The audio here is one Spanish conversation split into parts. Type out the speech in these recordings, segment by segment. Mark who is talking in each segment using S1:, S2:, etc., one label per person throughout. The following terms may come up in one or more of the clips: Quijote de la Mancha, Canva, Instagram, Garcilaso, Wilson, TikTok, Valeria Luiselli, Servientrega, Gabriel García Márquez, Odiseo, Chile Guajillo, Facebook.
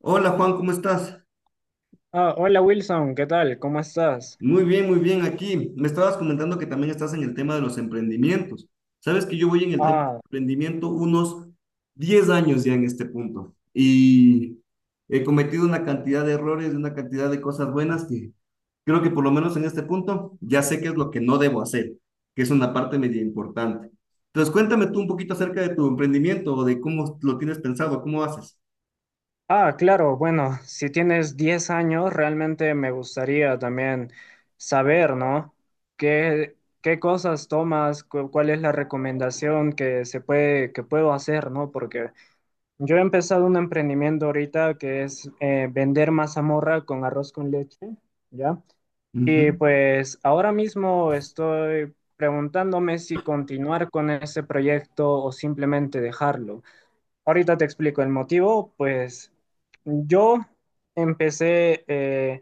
S1: Hola Juan, ¿cómo estás?
S2: Ah, hola Wilson, ¿qué tal? ¿Cómo estás?
S1: Muy bien, muy bien. Aquí me estabas comentando que también estás en el tema de los emprendimientos. Sabes que yo voy en el tema de
S2: Ah,
S1: emprendimiento unos 10 años ya en este punto y he cometido una cantidad de errores, una cantidad de cosas buenas que creo que por lo menos en este punto ya sé qué es lo que no debo hacer, que es una parte media importante. Entonces, cuéntame tú un poquito acerca de tu emprendimiento o de cómo lo tienes pensado, cómo haces.
S2: ah, claro, bueno, si tienes 10 años, realmente me gustaría también saber, ¿no? ¿Qué, qué cosas tomas? ¿Cuál es la recomendación que puedo hacer, ¿no? Porque yo he empezado un emprendimiento ahorita que es vender mazamorra con arroz con leche, ¿ya? Y pues ahora mismo estoy preguntándome si continuar con ese proyecto o simplemente dejarlo. Ahorita te explico el motivo, pues yo empecé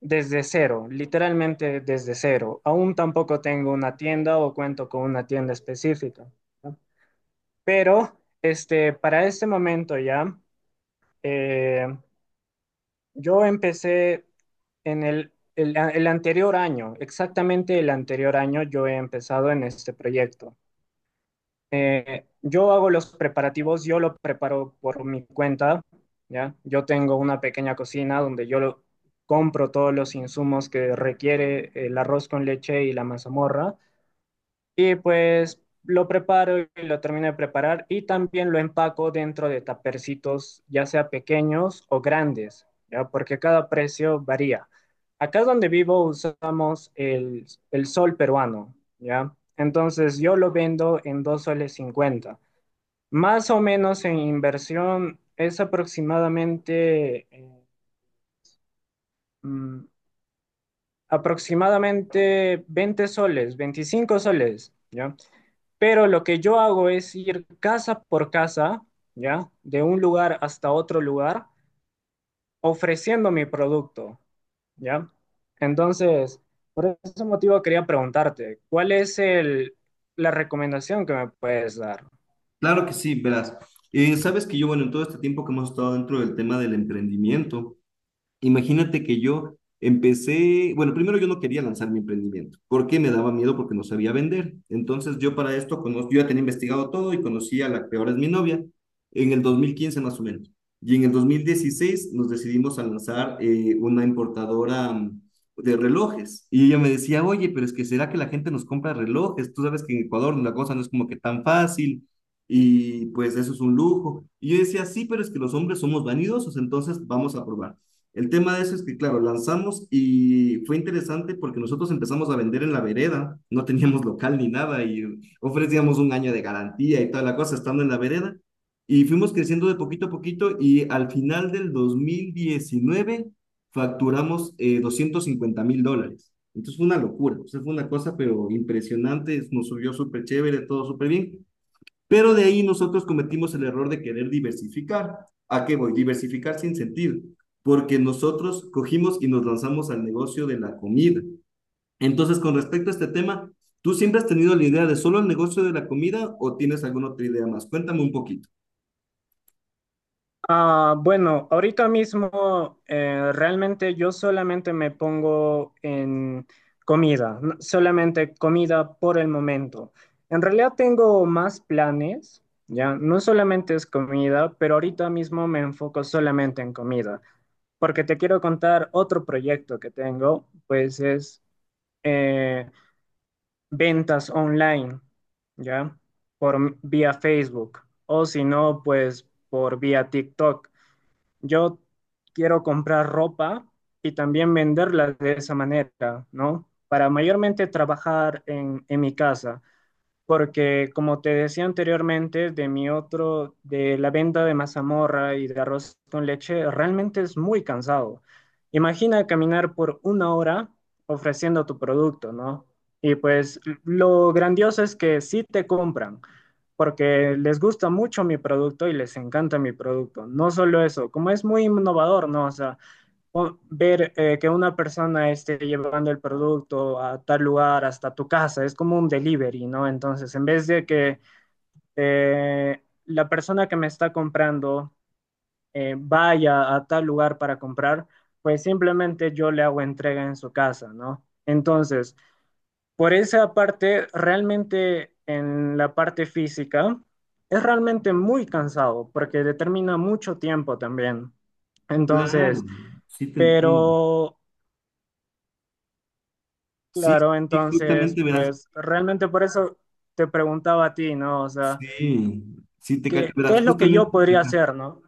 S2: desde cero, literalmente desde cero. Aún tampoco tengo una tienda o cuento con una tienda específica, ¿no? Pero para este momento ya, eh, yo empecé en el anterior año, exactamente el anterior año yo he empezado en este proyecto. Yo hago los preparativos, yo lo preparo por mi cuenta, ¿ya? Yo tengo una pequeña cocina donde yo compro todos los insumos que requiere el arroz con leche y la mazamorra. Y pues lo preparo y lo termino de preparar y también lo empaco dentro de tapercitos, ya sea pequeños o grandes, ¿ya? Porque cada precio varía. Acá donde vivo usamos el sol peruano, ¿ya? Entonces yo lo vendo en 2.50 soles. Más o menos en inversión es aproximadamente, mm, 20 soles, 25 soles, ¿ya? Pero lo que yo hago es ir casa por casa, ¿ya? De un lugar hasta otro lugar, ofreciendo mi producto, ¿ya? Entonces, por ese motivo quería preguntarte, ¿cuál es la recomendación que me puedes dar?
S1: Claro que sí, verás. Sabes que yo, bueno, en todo este tiempo que hemos estado dentro del tema del emprendimiento, imagínate que yo empecé, bueno, primero yo no quería lanzar mi emprendimiento. ¿Por qué? Me daba miedo porque no sabía vender. Entonces yo para esto, yo ya tenía investigado todo y conocí a la que ahora es mi novia en el 2015 más o menos. Y en el 2016 nos decidimos a lanzar una importadora de relojes. Y ella me decía, oye, pero es que ¿será que la gente nos compra relojes? Tú sabes que en Ecuador la cosa no es como que tan fácil y pues eso es un lujo. Y yo decía, sí, pero es que los hombres somos vanidosos, entonces vamos a probar. El tema de eso es que, claro, lanzamos y fue interesante porque nosotros empezamos a vender en la vereda, no teníamos local ni nada y ofrecíamos un año de garantía y toda la cosa estando en la vereda y fuimos creciendo de poquito a poquito y al final del 2019 facturamos 250.000 dólares. Entonces fue una locura, o sea, fue una cosa pero impresionante, nos subió súper chévere, todo súper bien. Pero de ahí nosotros cometimos el error de querer diversificar. ¿A qué voy? Diversificar sin sentido porque nosotros cogimos y nos lanzamos al negocio de la comida. Entonces, con respecto a este tema, ¿tú siempre has tenido la idea de solo el negocio de la comida o tienes alguna otra idea más? Cuéntame un poquito.
S2: Ah, bueno, ahorita mismo realmente yo solamente me pongo en comida, solamente comida por el momento. En realidad tengo más planes, ya, no solamente es comida, pero ahorita mismo me enfoco solamente en comida, porque te quiero contar otro proyecto que tengo, pues es eh, ventas online, ya, vía Facebook, o si no, pues por vía TikTok yo quiero comprar ropa y también venderla de esa manera, ¿no? Para mayormente trabajar en mi casa porque como te decía anteriormente, de mi otro, de la venta de mazamorra y de arroz con leche, realmente es muy cansado. Imagina caminar por una hora ofreciendo tu producto, ¿no? Y pues lo grandioso es que sí te compran, porque les gusta mucho mi producto y les encanta mi producto. No solo eso, como es muy innovador, ¿no? O sea, o ver que una persona esté llevando el producto a tal lugar, hasta tu casa, es como un delivery, ¿no? Entonces, en vez de que la persona que me está comprando vaya a tal lugar para comprar, pues simplemente yo le hago entrega en su casa, ¿no? Entonces, por esa parte, realmente en la parte física, es realmente muy cansado porque determina mucho tiempo también.
S1: Claro,
S2: Entonces,
S1: sí te entiendo.
S2: pero...
S1: Sí,
S2: Claro,
S1: sí,
S2: entonces,
S1: justamente verás.
S2: pues realmente por eso te preguntaba a ti, ¿no? O sea,
S1: Sí, sí te cacho,
S2: ¿qué
S1: verás.
S2: es lo que yo
S1: Justamente.
S2: podría hacer, ¿no?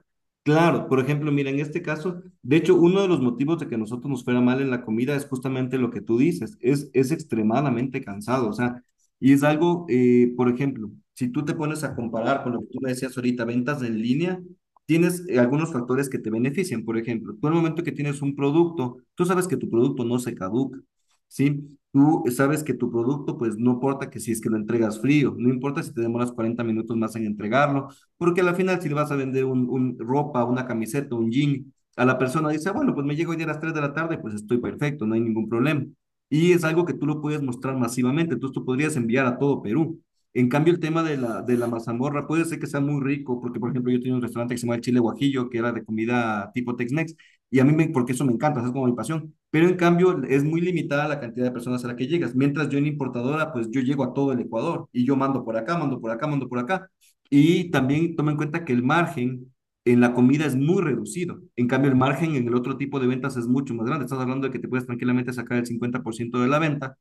S1: Claro, por ejemplo, mira, en este caso, de hecho, uno de los motivos de que nosotros nos fuera mal en la comida es justamente lo que tú dices, es extremadamente cansado, o sea, y es algo, por ejemplo, si tú te pones a comparar con lo que tú me decías ahorita, ventas en línea, tienes algunos factores que te benefician, por ejemplo, tú el momento que tienes un producto, tú sabes que tu producto no se caduca. ¿Sí? Tú sabes que tu producto, pues no importa que si es que lo entregas frío, no importa si te demoras 40 minutos más en entregarlo porque al final, si le vas a vender un ropa, una camiseta, un jean, a la persona dice: "Ah, bueno, pues me llego hoy día a las 3 de la tarde, pues estoy perfecto, no hay ningún problema". Y es algo que tú lo puedes mostrar masivamente, entonces tú podrías enviar a todo Perú. En cambio, el tema de la, mazamorra puede ser que sea muy rico, porque por ejemplo, yo tenía un restaurante que se llama el Chile Guajillo, que era de comida tipo Tex-Mex, y a mí, me, porque eso me encanta, es como mi pasión. Pero en cambio, es muy limitada la cantidad de personas a la que llegas. Mientras yo en importadora, pues yo llego a todo el Ecuador y yo mando por acá, mando por acá, mando por acá. Y también toma en cuenta que el margen en la comida es muy reducido. En cambio, el margen en el otro tipo de ventas es mucho más grande. Estás hablando de que te puedes tranquilamente sacar el 50% de la venta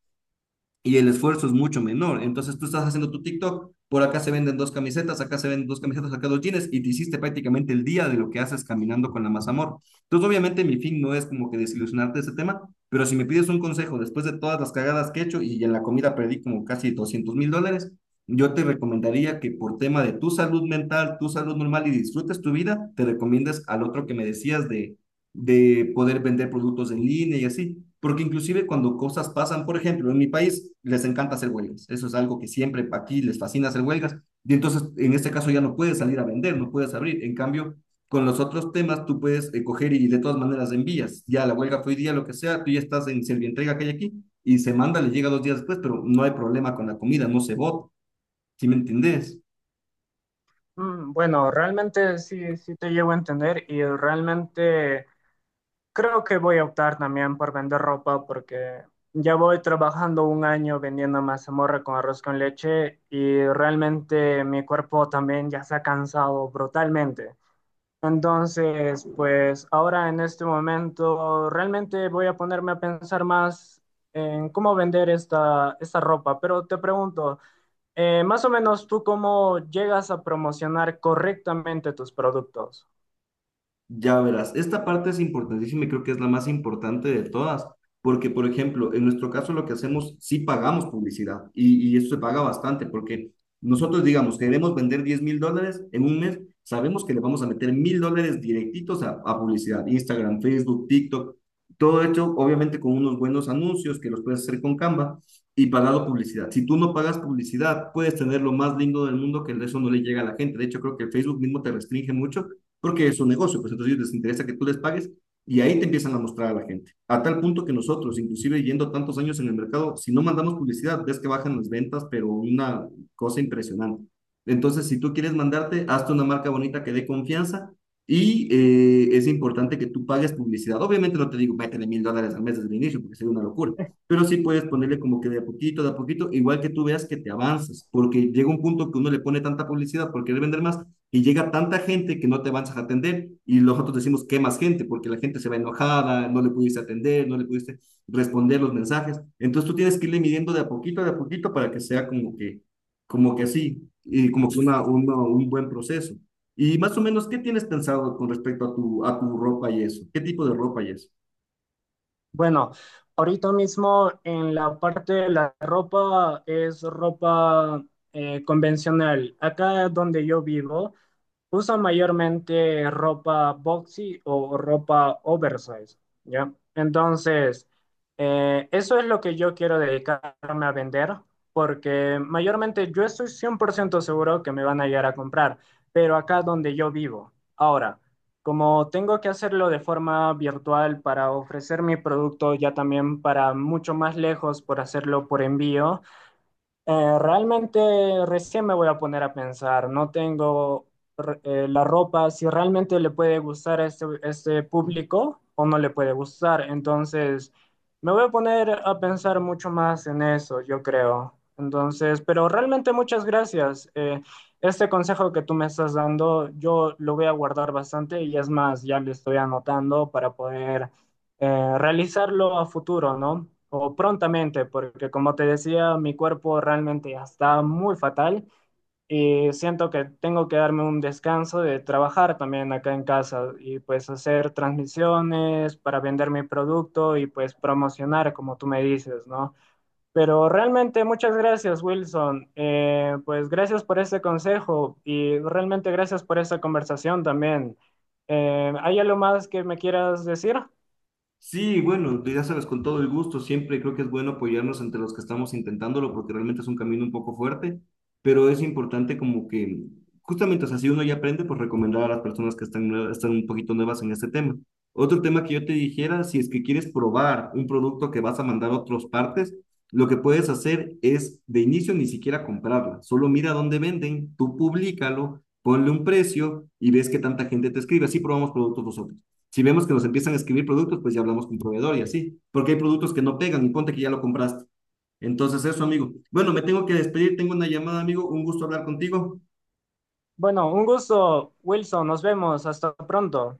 S1: y el esfuerzo es mucho menor. Entonces tú estás haciendo tu TikTok, por acá se venden dos camisetas, acá se venden dos camisetas, acá dos jeans, y te hiciste prácticamente el día de lo que haces caminando con la más amor. Entonces obviamente mi fin no es como que desilusionarte de ese tema, pero si me pides un consejo después de todas las cagadas que he hecho y en la comida perdí como casi 200.000 dólares, yo te recomendaría que por tema de tu salud mental, tu salud normal y disfrutes tu vida, te recomiendes al otro que me decías de poder vender productos en línea y así. Porque inclusive cuando cosas pasan, por ejemplo, en mi país les encanta hacer huelgas. Eso es algo que siempre aquí les fascina hacer huelgas. Y entonces, en este caso ya no puedes salir a vender, no puedes abrir. En cambio, con los otros temas tú puedes coger y de todas maneras envías. Ya la huelga fue hoy día, lo que sea, tú ya estás en Servientrega que hay aquí y se manda, le llega 2 días después, pero no hay problema con la comida, no se vota. ¿Sí me entendés?
S2: Mm, bueno, realmente sí, sí te llevo a entender y realmente creo que voy a optar también por vender ropa porque ya voy trabajando un año vendiendo mazamorra con arroz con leche y realmente mi cuerpo también ya se ha cansado brutalmente. Entonces, pues ahora en este momento realmente voy a ponerme a pensar más en cómo vender esta ropa, pero te pregunto, más o menos tú cómo llegas a promocionar correctamente tus productos.
S1: Ya verás, esta parte es importantísima y creo que es la más importante de todas, porque, por ejemplo, en nuestro caso lo que hacemos, sí pagamos publicidad y eso se paga bastante, porque nosotros, digamos, queremos vender 10.000 dólares en un mes, sabemos que le vamos a meter 1.000 dólares directitos a publicidad, Instagram, Facebook, TikTok, todo hecho, obviamente, con unos buenos anuncios que los puedes hacer con Canva y pagado publicidad. Si tú no pagas publicidad, puedes tener lo más lindo del mundo que eso no le llega a la gente. De hecho, creo que Facebook mismo te restringe mucho porque es un negocio, pues entonces les interesa que tú les pagues y ahí te empiezan a mostrar a la gente. A tal punto que nosotros, inclusive yendo tantos años en el mercado, si no mandamos publicidad, ves que bajan las ventas, pero una cosa impresionante. Entonces, si tú quieres mandarte, hazte una marca bonita que dé confianza y es importante que tú pagues publicidad. Obviamente no te digo, métele 1.000 dólares al mes desde el inicio, porque sería una locura, pero sí puedes ponerle como que de a poquito, igual que tú veas que te avanzas, porque llega un punto que uno le pone tanta publicidad por querer vender más, y llega tanta gente que no te avanzas a atender y nosotros decimos que más gente porque la gente se va enojada, no le pudiste atender, no le pudiste responder los mensajes. Entonces tú tienes que irle midiendo de a poquito para que sea como que así, y como que un buen proceso. Y más o menos, ¿qué tienes pensado con respecto a tu, ropa y eso? ¿Qué tipo de ropa y eso?
S2: Bueno, ahorita mismo en la parte de la ropa es ropa convencional. Acá donde yo vivo usa mayormente ropa boxy o ropa oversize, ¿ya? Entonces, eso es lo que yo quiero dedicarme a vender, porque mayormente yo estoy 100% seguro que me van a llegar a comprar, pero acá donde yo vivo. Ahora, como tengo que hacerlo de forma virtual para ofrecer mi producto ya también para mucho más lejos por hacerlo por envío, realmente recién me voy a poner a pensar, no tengo la ropa, si realmente le puede gustar a este público o no le puede gustar. Entonces, me voy a poner a pensar mucho más en eso, yo creo. Entonces, pero realmente muchas gracias. Este consejo que tú me estás dando, yo lo voy a guardar bastante y es más, ya lo estoy anotando para poder realizarlo a futuro, ¿no? O prontamente, porque como te decía, mi cuerpo realmente ya está muy fatal y siento que tengo que darme un descanso de trabajar también acá en casa y pues hacer transmisiones para vender mi producto y pues promocionar, como tú me dices, ¿no? Pero realmente muchas gracias, Wilson. Pues gracias por ese consejo y realmente gracias por esa conversación también. ¿Hay algo más que me quieras decir?
S1: Sí, bueno, tú ya sabes, con todo el gusto, siempre creo que es bueno apoyarnos entre los que estamos intentándolo, porque realmente es un camino un poco fuerte, pero es importante como que, justamente, o sea, si uno ya aprende, pues recomendar a las personas que están, están un poquito nuevas en este tema. Otro tema que yo te dijera, si es que quieres probar un producto que vas a mandar a otras partes, lo que puedes hacer es de inicio ni siquiera comprarla, solo mira dónde venden, tú públicalo, ponle un precio y ves que tanta gente te escribe, así probamos productos nosotros. Si vemos que nos empiezan a escribir productos, pues ya hablamos con proveedor y así, porque hay productos que no pegan y ponte que ya lo compraste. Entonces, eso, amigo. Bueno, me tengo que despedir, tengo una llamada, amigo, un gusto hablar contigo.
S2: Bueno, un gusto, Wilson. Nos vemos. Hasta pronto.